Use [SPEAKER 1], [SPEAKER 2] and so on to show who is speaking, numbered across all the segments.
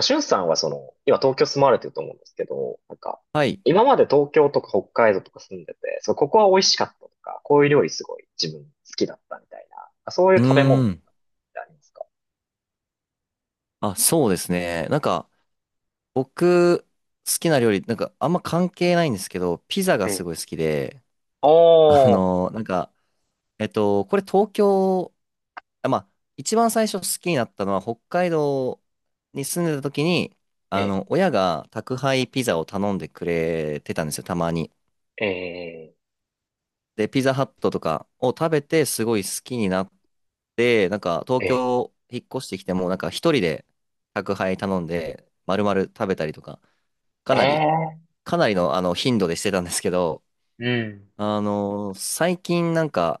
[SPEAKER 1] しゅんさんはその、今東京住まわれてると思うんですけど、なんか、
[SPEAKER 2] はい。
[SPEAKER 1] 今まで東京とか北海道とか住んでて、そう、ここは美味しかったとか、こういう料理すごい自分好きだったみたいな、そうい
[SPEAKER 2] う
[SPEAKER 1] う食べ物と
[SPEAKER 2] ー
[SPEAKER 1] か
[SPEAKER 2] ん。
[SPEAKER 1] ってありますか？
[SPEAKER 2] あ、そうですね。僕、好きな料理、あんま関係ないんですけど、ピザが
[SPEAKER 1] え
[SPEAKER 2] す
[SPEAKER 1] え。
[SPEAKER 2] ごい好きで、あ
[SPEAKER 1] おー。
[SPEAKER 2] のーなんか、これ東京、あ、まあ、一番最初好きになったのは、北海道に住んでた時に、
[SPEAKER 1] え
[SPEAKER 2] あ
[SPEAKER 1] え、
[SPEAKER 2] の、親が宅配ピザを頼んでくれてたんですよ、たまに。
[SPEAKER 1] ええ、
[SPEAKER 2] で、ピザハットとかを食べて、すごい好きになっで、なんか東
[SPEAKER 1] ええ、
[SPEAKER 2] 京引っ越してきても、なんか一人で宅配頼んで、丸々食べたりとか、か
[SPEAKER 1] え
[SPEAKER 2] なり、
[SPEAKER 1] え。
[SPEAKER 2] かなりのあの頻度でしてたんですけど、
[SPEAKER 1] うん、
[SPEAKER 2] あの、最近なんか、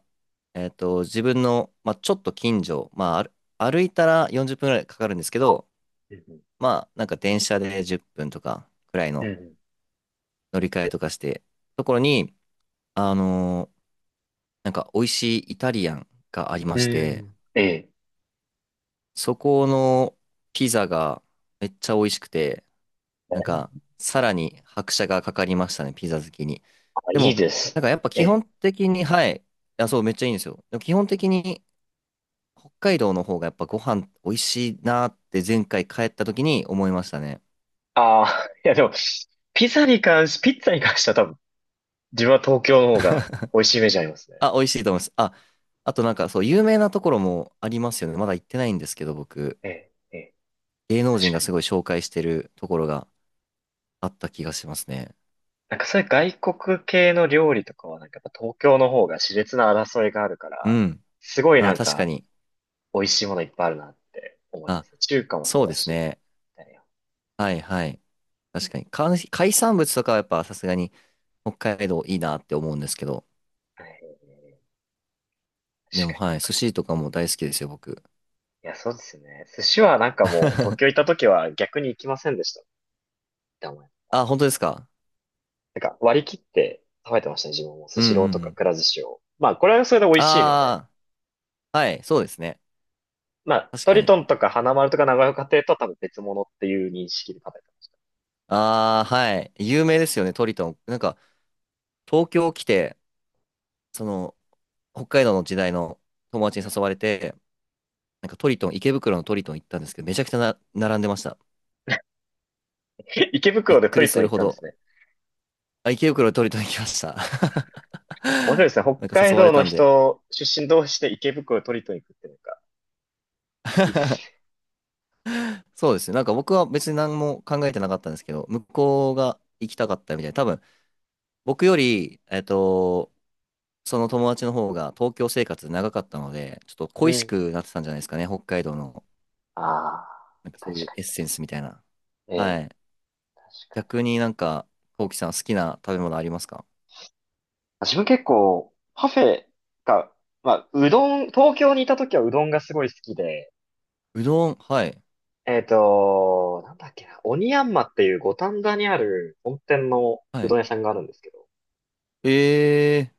[SPEAKER 2] えっと、自分の、まあ、ちょっと近所、まあ、歩いたら40分ぐらいかかるんですけど、
[SPEAKER 1] うん、
[SPEAKER 2] まあ、なんか電車で10分とかくらい
[SPEAKER 1] う
[SPEAKER 2] の
[SPEAKER 1] ん、
[SPEAKER 2] 乗り換えとかして、ところに、あの、なんか美味しいイタリアンがありま
[SPEAKER 1] う
[SPEAKER 2] して、
[SPEAKER 1] ん。ええ。
[SPEAKER 2] そこのピザがめっちゃ美味しくて、なんか、さらに拍車がかかりましたね、ピザ好きに。
[SPEAKER 1] あ、
[SPEAKER 2] で
[SPEAKER 1] いい
[SPEAKER 2] も、
[SPEAKER 1] で
[SPEAKER 2] な
[SPEAKER 1] す。
[SPEAKER 2] んかやっぱ
[SPEAKER 1] え
[SPEAKER 2] 基本
[SPEAKER 1] え。
[SPEAKER 2] 的に、はい。いや、そう、めっちゃいいんですよ。でも基本的に、北海道の方がやっぱご飯美味しいなって前回帰った時に思いましたね。
[SPEAKER 1] ああ。いやでも、ピッツァに関しては多分、自分は東京の方が美味しいイメージありますね。
[SPEAKER 2] あ、美味しいと思います。あ、あとなんかそう、有名なところもありますよね。まだ行ってないんですけど、僕。
[SPEAKER 1] ええ、ええ。
[SPEAKER 2] 芸能
[SPEAKER 1] 確
[SPEAKER 2] 人
[SPEAKER 1] か
[SPEAKER 2] が
[SPEAKER 1] に
[SPEAKER 2] すごい紹介してるところがあった気がしますね。
[SPEAKER 1] なんかそういう外国系の料理とかはなんかやっぱ東京の方が熾烈な争いがあるか
[SPEAKER 2] う
[SPEAKER 1] ら、
[SPEAKER 2] ん。
[SPEAKER 1] すごい
[SPEAKER 2] あ、
[SPEAKER 1] なん
[SPEAKER 2] 確か
[SPEAKER 1] か
[SPEAKER 2] に。
[SPEAKER 1] 美味しいものいっぱいあるなって思いま
[SPEAKER 2] あ、
[SPEAKER 1] すね。中華もそ
[SPEAKER 2] そう
[SPEAKER 1] う
[SPEAKER 2] で
[SPEAKER 1] だ
[SPEAKER 2] す
[SPEAKER 1] し。
[SPEAKER 2] ね。
[SPEAKER 1] だよ。
[SPEAKER 2] はいはい。確かに。海産物とかはやっぱさすがに、北海道いいなって思うんですけど。
[SPEAKER 1] はい。
[SPEAKER 2] で
[SPEAKER 1] 確
[SPEAKER 2] も、
[SPEAKER 1] かに
[SPEAKER 2] は
[SPEAKER 1] なん
[SPEAKER 2] い、
[SPEAKER 1] か。
[SPEAKER 2] 寿司とかも大好きですよ、僕。
[SPEAKER 1] いや、そうですよね。寿司はなんかもう東京行っ た時は逆に行きませんでしたって思います。
[SPEAKER 2] あ、本当ですか？
[SPEAKER 1] なんか割り切って食べてましたね。自分もス
[SPEAKER 2] うんう
[SPEAKER 1] シロー
[SPEAKER 2] ん
[SPEAKER 1] と
[SPEAKER 2] う
[SPEAKER 1] か
[SPEAKER 2] ん。
[SPEAKER 1] くら寿司を。まあこれはそれで美味しいので。
[SPEAKER 2] ああ、はい、そうですね。
[SPEAKER 1] まあ
[SPEAKER 2] 確
[SPEAKER 1] ト
[SPEAKER 2] か
[SPEAKER 1] リ
[SPEAKER 2] に。
[SPEAKER 1] トンとか花丸とか長岡亭とは多分別物っていう認識で食べてまし
[SPEAKER 2] ああ、はい。有名ですよね、トリトン。なんか、東京来て、その、北海道の時代の友達に誘われて、なんかトリトン、池袋のトリトン行ったんですけど、めちゃくちゃな、並んでました。
[SPEAKER 1] た。池
[SPEAKER 2] び
[SPEAKER 1] 袋
[SPEAKER 2] っ
[SPEAKER 1] で
[SPEAKER 2] く
[SPEAKER 1] ト
[SPEAKER 2] り
[SPEAKER 1] リト
[SPEAKER 2] す
[SPEAKER 1] ン
[SPEAKER 2] る
[SPEAKER 1] 行っ
[SPEAKER 2] ほ
[SPEAKER 1] たんです
[SPEAKER 2] ど。
[SPEAKER 1] ね。
[SPEAKER 2] あ、池袋のトリトン行きました。
[SPEAKER 1] 面白いですね。北
[SPEAKER 2] なんか
[SPEAKER 1] 海
[SPEAKER 2] 誘わ
[SPEAKER 1] 道
[SPEAKER 2] れ
[SPEAKER 1] の
[SPEAKER 2] たんで。
[SPEAKER 1] 人出身同士で池袋を取りに行くっていうのがいいですね。
[SPEAKER 2] そうですね。なんか僕は別に何も考えてなかったんですけど、向こうが行きたかったみたいな多分僕より、えっと、その友達の方が東京生活長かったので、ちょっと
[SPEAKER 1] う
[SPEAKER 2] 恋し
[SPEAKER 1] ん。
[SPEAKER 2] くなってたんじゃないですかね、北海道の、
[SPEAKER 1] あ
[SPEAKER 2] なんか
[SPEAKER 1] あ、
[SPEAKER 2] そうい
[SPEAKER 1] 確
[SPEAKER 2] うエッ
[SPEAKER 1] か
[SPEAKER 2] センスみたいな。
[SPEAKER 1] に。え
[SPEAKER 2] は
[SPEAKER 1] え、
[SPEAKER 2] い。
[SPEAKER 1] 確か
[SPEAKER 2] 逆
[SPEAKER 1] に。
[SPEAKER 2] になんか、こうきさん好きな食べ物ありますか？
[SPEAKER 1] 自分結構、パフェが、まあ、うどん、東京にいた時はうどんがすごい好きで、
[SPEAKER 2] うどん、はい。
[SPEAKER 1] なんだっけな、鬼ヤンマっていう五反田にある本店の
[SPEAKER 2] は
[SPEAKER 1] うど
[SPEAKER 2] い。
[SPEAKER 1] ん屋さんがあるんですけど、
[SPEAKER 2] え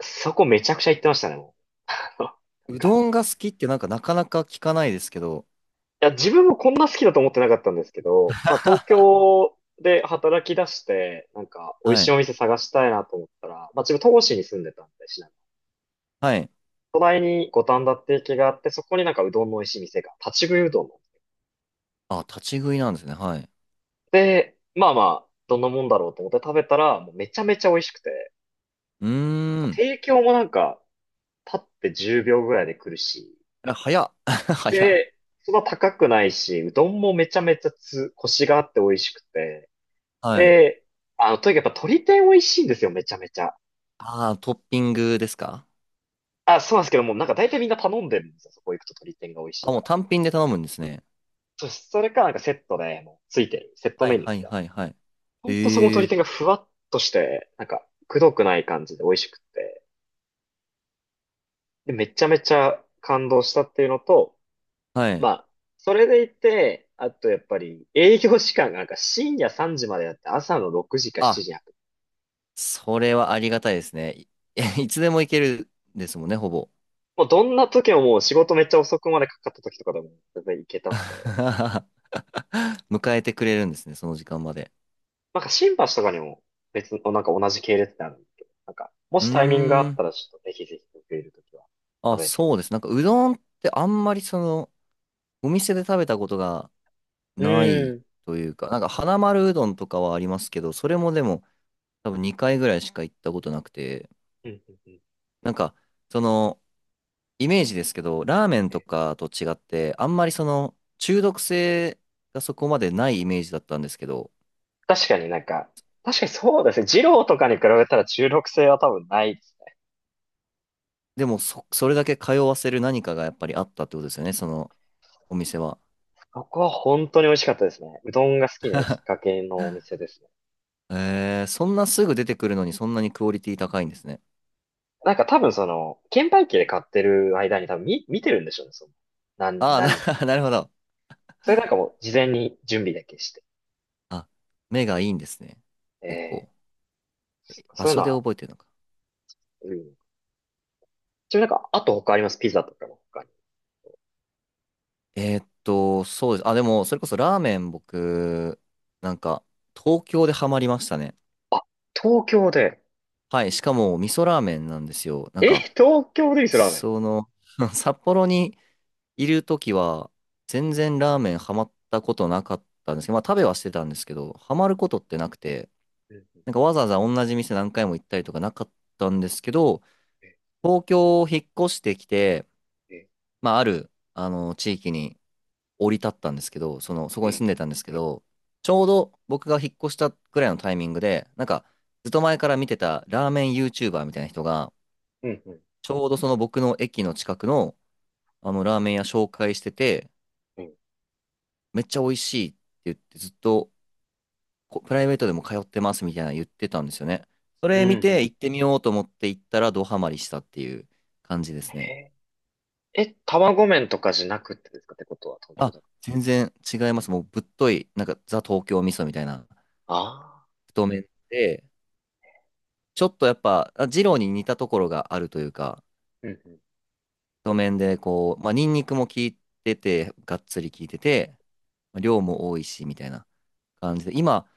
[SPEAKER 1] そこめちゃくちゃ行ってましたね、もう。なん
[SPEAKER 2] ー、うど
[SPEAKER 1] か、
[SPEAKER 2] んが好きってなんかなかなか聞かないですけど、
[SPEAKER 1] いや、自分もこんな好きだと思ってなかったんですけ ど、まあ東
[SPEAKER 2] は
[SPEAKER 1] 京で働き出して、なんか美味しい
[SPEAKER 2] い。
[SPEAKER 1] お店探したいなと思ったら、まあ自分戸越に住んでたんで、市内の。
[SPEAKER 2] はい。
[SPEAKER 1] 隣に五反田って駅があって、そこになんかうどんの美味しい店が、立ち食いうどんの。
[SPEAKER 2] あ、立ち食いなんですね。はい。
[SPEAKER 1] で、まあまあ、どんなもんだろうと思って食べたら、もうめちゃめちゃ美味しくて、
[SPEAKER 2] うーん。
[SPEAKER 1] 提供もなんか、立って10秒ぐらいで来るし、
[SPEAKER 2] あ早っ。早っ。
[SPEAKER 1] で、そんな高くないし、うどんもめちゃめちゃコシがあって美味しくて、
[SPEAKER 2] は
[SPEAKER 1] え
[SPEAKER 2] い。
[SPEAKER 1] え。あの、とにかくやっぱ鶏天美味しいんですよ、めちゃめちゃ。
[SPEAKER 2] ああ、トッピングですか？
[SPEAKER 1] あ、そうなんですけども、なんか大体みんな頼んでるんですよ、そこ行くと鶏天が美味しい
[SPEAKER 2] あ、
[SPEAKER 1] か
[SPEAKER 2] もう
[SPEAKER 1] ら。
[SPEAKER 2] 単品で頼むんですね。
[SPEAKER 1] それかなんかセットで、もうついてる、セット
[SPEAKER 2] はい
[SPEAKER 1] メニュー
[SPEAKER 2] は
[SPEAKER 1] み
[SPEAKER 2] い
[SPEAKER 1] たいな。
[SPEAKER 2] はいはい。
[SPEAKER 1] ほんとそこの
[SPEAKER 2] え
[SPEAKER 1] 鶏
[SPEAKER 2] え
[SPEAKER 1] 天がふわっとして、なんか、くどくない感じで美味しくって、で、めちゃめちゃ感動したっていうのと、
[SPEAKER 2] はい。
[SPEAKER 1] まあ、それでいて、あとやっぱり営業時間がなんか深夜3時までやって朝の6時か7
[SPEAKER 2] あ、
[SPEAKER 1] 時に開く。
[SPEAKER 2] それはありがたいですね。い、いつでも行けるですもんね、ほぼ。
[SPEAKER 1] もうどんな時ももう仕事めっちゃ遅くまでかかった時とかでも全然行けたので。
[SPEAKER 2] 迎えてくれるんですね、その時間まで。
[SPEAKER 1] なんか新橋とかにも別の、なんか同じ系列ってあるんですけど、なんか、も
[SPEAKER 2] う
[SPEAKER 1] しタイミングがあ
[SPEAKER 2] ー
[SPEAKER 1] っ
[SPEAKER 2] ん。
[SPEAKER 1] たらちょっとぜひぜひ僕いるときは食
[SPEAKER 2] あ、
[SPEAKER 1] べてみ
[SPEAKER 2] そうです。なんかうどんってあんまりその、お店で食べたことがない
[SPEAKER 1] る。
[SPEAKER 2] というか、なんか花丸うどんとかはありますけど、それもでも多分2回ぐらいしか行ったことなくて、
[SPEAKER 1] うーん。うんうんうん。
[SPEAKER 2] なんか、その、イメージですけど、ラーメンと
[SPEAKER 1] え
[SPEAKER 2] かと違って、あんまりその中毒性がそこまでないイメージだったんですけど、
[SPEAKER 1] 確かになんか、確かにそうですね。二郎とかに比べたら中毒性は多分ないですね。
[SPEAKER 2] でもそれだけ通わせる何かがやっぱりあったってことですよね、そのお店は。
[SPEAKER 1] ここは本当に美味しかったですね。うどんが好きなきっかけのお店ですね。
[SPEAKER 2] えー、そんなすぐ出てくるのにそんなにクオリティ高いんですね。
[SPEAKER 1] なんか多分その、券売機で買ってる間に多分見てるんでしょうね、その。
[SPEAKER 2] ああ、
[SPEAKER 1] 何。
[SPEAKER 2] なるほど。
[SPEAKER 1] それなんかもう事前に準備だけして。
[SPEAKER 2] あ、目がいいんですね。結
[SPEAKER 1] え
[SPEAKER 2] 構。場
[SPEAKER 1] そういう
[SPEAKER 2] 所
[SPEAKER 1] の
[SPEAKER 2] で
[SPEAKER 1] は、
[SPEAKER 2] 覚えてるのか。
[SPEAKER 1] うん、ちなみになんか、あと他ありますピザとかの他に。
[SPEAKER 2] えーっと、そうです。あ、でも、それこそラーメン僕、なんか、東京でハマりましたね。
[SPEAKER 1] あ、東京で。
[SPEAKER 2] はい、しかも味噌ラーメンなんですよ。なん
[SPEAKER 1] え、
[SPEAKER 2] か、
[SPEAKER 1] 東京で味噌ラーメン。
[SPEAKER 2] その、札幌にいるときは、全然ラーメンハマったことなかったんですけど、まあ食べはしてたんですけど、ハマることってなくて、
[SPEAKER 1] うん。
[SPEAKER 2] なんかわざわざ同じ店何回も行ったりとかなかったんですけど、東京を引っ越してきて、
[SPEAKER 1] え、
[SPEAKER 2] まあある、あの、地域に降り立ったんですけど、その、そこ
[SPEAKER 1] え、
[SPEAKER 2] に住
[SPEAKER 1] え。
[SPEAKER 2] んでたんですけど、ちょうど僕が引っ越したぐらいのタイミングで、なんか、ずっと前から見てたラーメン YouTuber みたいな人が、
[SPEAKER 1] うん、うん、
[SPEAKER 2] ちょうどその僕の駅の近くの、あの、ラーメン屋紹介してて、
[SPEAKER 1] うん。
[SPEAKER 2] めっちゃ美味しいって言って、ずっとこプライベートでも通ってますみたいな言ってたんですよね。そ
[SPEAKER 1] うん、
[SPEAKER 2] れ見
[SPEAKER 1] う
[SPEAKER 2] て行
[SPEAKER 1] ん。
[SPEAKER 2] ってみようと思って行ったらドハマりしたっていう感じですね。
[SPEAKER 1] え、え、卵麺とかじゃなくてですかってことは東京だ
[SPEAKER 2] あ、
[SPEAKER 1] か
[SPEAKER 2] 全然違います。もうぶっとい、なんかザ東京味噌みたいな
[SPEAKER 1] ら。ああ。
[SPEAKER 2] 太麺で、ちょっとやっぱ、あ二郎に似たところがあるというか、
[SPEAKER 1] うん、うん。
[SPEAKER 2] 太麺でこう、まあ、ニンニクも効いてて、がっつり効いてて、まあ量も多いしみたいな感じで、今、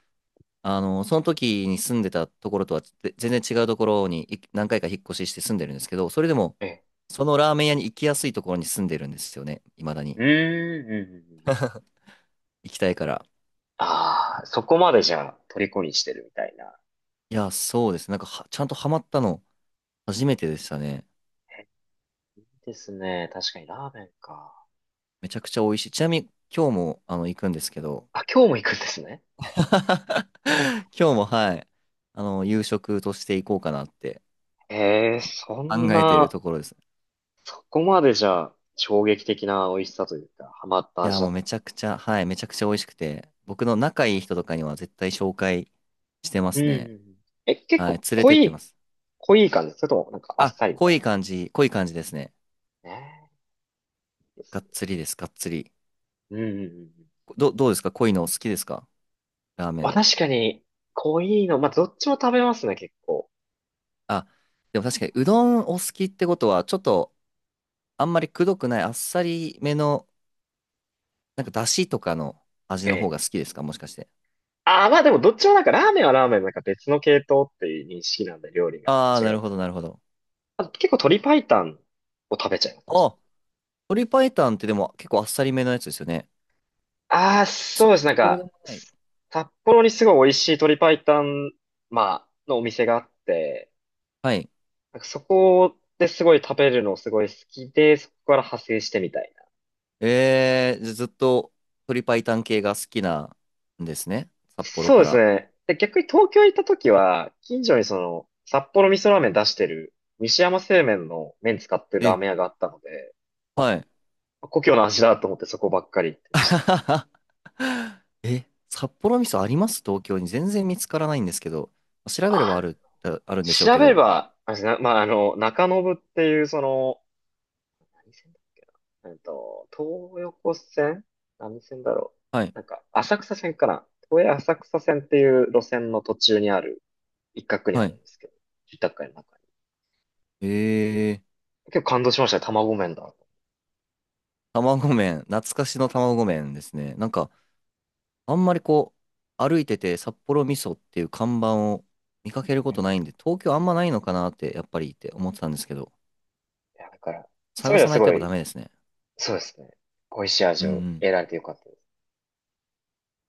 [SPEAKER 2] あの、その時に住んでたところとはぜ全然違うところにい何回か引っ越しして住んでるんですけど、それでも、
[SPEAKER 1] え、
[SPEAKER 2] そのラーメン屋に行きやすいところに住んでるんですよね。未だ
[SPEAKER 1] う
[SPEAKER 2] に。
[SPEAKER 1] ーん、うん、うんうんうん。
[SPEAKER 2] 行きたいから。
[SPEAKER 1] ああ、そこまでじゃあ、虜にしてるみたいな。
[SPEAKER 2] いや、そうです。なんかは、ちゃんとハマったの、初めてでしたね。
[SPEAKER 1] え、いいですね。確かにラーメンか。
[SPEAKER 2] めちゃくちゃ美味しい。ちなみに、今日も、あの、行くんですけど、
[SPEAKER 1] あ、今日も行くんですね。
[SPEAKER 2] 今日も、はい、あの、夕食として行こうかなって
[SPEAKER 1] ええ、そん
[SPEAKER 2] 考えてる
[SPEAKER 1] な、
[SPEAKER 2] ところです。
[SPEAKER 1] そこまでじゃあ、衝撃的な美味しさというか、ハマった
[SPEAKER 2] い
[SPEAKER 1] 味
[SPEAKER 2] や、
[SPEAKER 1] だ
[SPEAKER 2] も
[SPEAKER 1] っ
[SPEAKER 2] う
[SPEAKER 1] た。
[SPEAKER 2] めちゃくちゃ、はい、めちゃくちゃ美味しくて、僕の仲いい人とかには絶対紹介してま
[SPEAKER 1] うん
[SPEAKER 2] すね。
[SPEAKER 1] うん。え、結
[SPEAKER 2] はい、
[SPEAKER 1] 構
[SPEAKER 2] 連れてってます。
[SPEAKER 1] 濃い感じそれともなんかあっ
[SPEAKER 2] あ、
[SPEAKER 1] さりみたい
[SPEAKER 2] 濃い感じですね。
[SPEAKER 1] な。ねえ。
[SPEAKER 2] がっつ
[SPEAKER 1] です。
[SPEAKER 2] りです、がっつり。
[SPEAKER 1] うん。うんうんうん。
[SPEAKER 2] ど、どうですか濃いのお好きですかラーメ
[SPEAKER 1] まあ
[SPEAKER 2] ン。
[SPEAKER 1] 確かに、濃いの、まあどっちも食べますね、結構。
[SPEAKER 2] あ、でも確かにうどんお好きってことは、ちょっとあんまりくどくないあっさりめの、なんかだしとかの味
[SPEAKER 1] え
[SPEAKER 2] の方
[SPEAKER 1] え。
[SPEAKER 2] が好きですかもしかして。
[SPEAKER 1] ああ、まあでもどっちもなんかラーメンはラーメンなんか別の系統っていう認識なんで料理が
[SPEAKER 2] あー、
[SPEAKER 1] 違うか
[SPEAKER 2] なるほど。
[SPEAKER 1] ら。あ、結構鶏白湯を食べちゃいますね。
[SPEAKER 2] あ、鶏白湯ってでも結構あっさりめのやつですよね。
[SPEAKER 1] ああ、そうで
[SPEAKER 2] そ、
[SPEAKER 1] す。なん
[SPEAKER 2] そうで
[SPEAKER 1] か、
[SPEAKER 2] もない。
[SPEAKER 1] 札幌にすごい美味しい鶏白湯、まあ、のお店があって、
[SPEAKER 2] はい。
[SPEAKER 1] なんかそこですごい食べるのすごい好きで、そこから派生してみたいな。
[SPEAKER 2] えー、じゃあずっと鶏白湯系が好きなんですね。札幌
[SPEAKER 1] そう
[SPEAKER 2] か
[SPEAKER 1] です
[SPEAKER 2] ら。
[SPEAKER 1] ね。で、逆に東京行った時は、近所にその、札幌味噌ラーメン出してる、西山製麺の麺使ってるラー
[SPEAKER 2] え、
[SPEAKER 1] メン屋があったので、あ、
[SPEAKER 2] はい。
[SPEAKER 1] 故郷の味だと思ってそこばっかり行って ま
[SPEAKER 2] あ
[SPEAKER 1] し
[SPEAKER 2] は
[SPEAKER 1] た。
[SPEAKER 2] ははえ、札幌味噌あります東京に。全然見つからないんですけど。調べれば
[SPEAKER 1] あ、
[SPEAKER 2] ある、ああるんでしょう
[SPEAKER 1] 調
[SPEAKER 2] け
[SPEAKER 1] べれ
[SPEAKER 2] ど。
[SPEAKER 1] ば、あれですね、まあ、あの、中延っていうその、何線だっけな。東横線何線だろ
[SPEAKER 2] は
[SPEAKER 1] う。
[SPEAKER 2] い。
[SPEAKER 1] なんか、浅草線かな。都営浅草線っていう路線の途中にある、一角に
[SPEAKER 2] は
[SPEAKER 1] ある
[SPEAKER 2] い。
[SPEAKER 1] んですけど、住宅街の中に。
[SPEAKER 2] えー、
[SPEAKER 1] 結構感動しましたね、卵麺だ。
[SPEAKER 2] 卵麺。懐かしの卵麺ですね。なんか、あんまりこう、歩いてて札幌味噌っていう看板を見かけるこ
[SPEAKER 1] うん。
[SPEAKER 2] とな
[SPEAKER 1] い
[SPEAKER 2] いんで、東京あんまないのかなって、やっぱりって思ってたんですけど、
[SPEAKER 1] や、だから、そう
[SPEAKER 2] 探
[SPEAKER 1] いうのは
[SPEAKER 2] さな
[SPEAKER 1] す
[SPEAKER 2] いと
[SPEAKER 1] ご
[SPEAKER 2] やっぱ
[SPEAKER 1] い、
[SPEAKER 2] ダメですね。
[SPEAKER 1] そうですね。美味しい
[SPEAKER 2] う
[SPEAKER 1] 味
[SPEAKER 2] ん
[SPEAKER 1] を
[SPEAKER 2] うん。
[SPEAKER 1] 得られてよかった。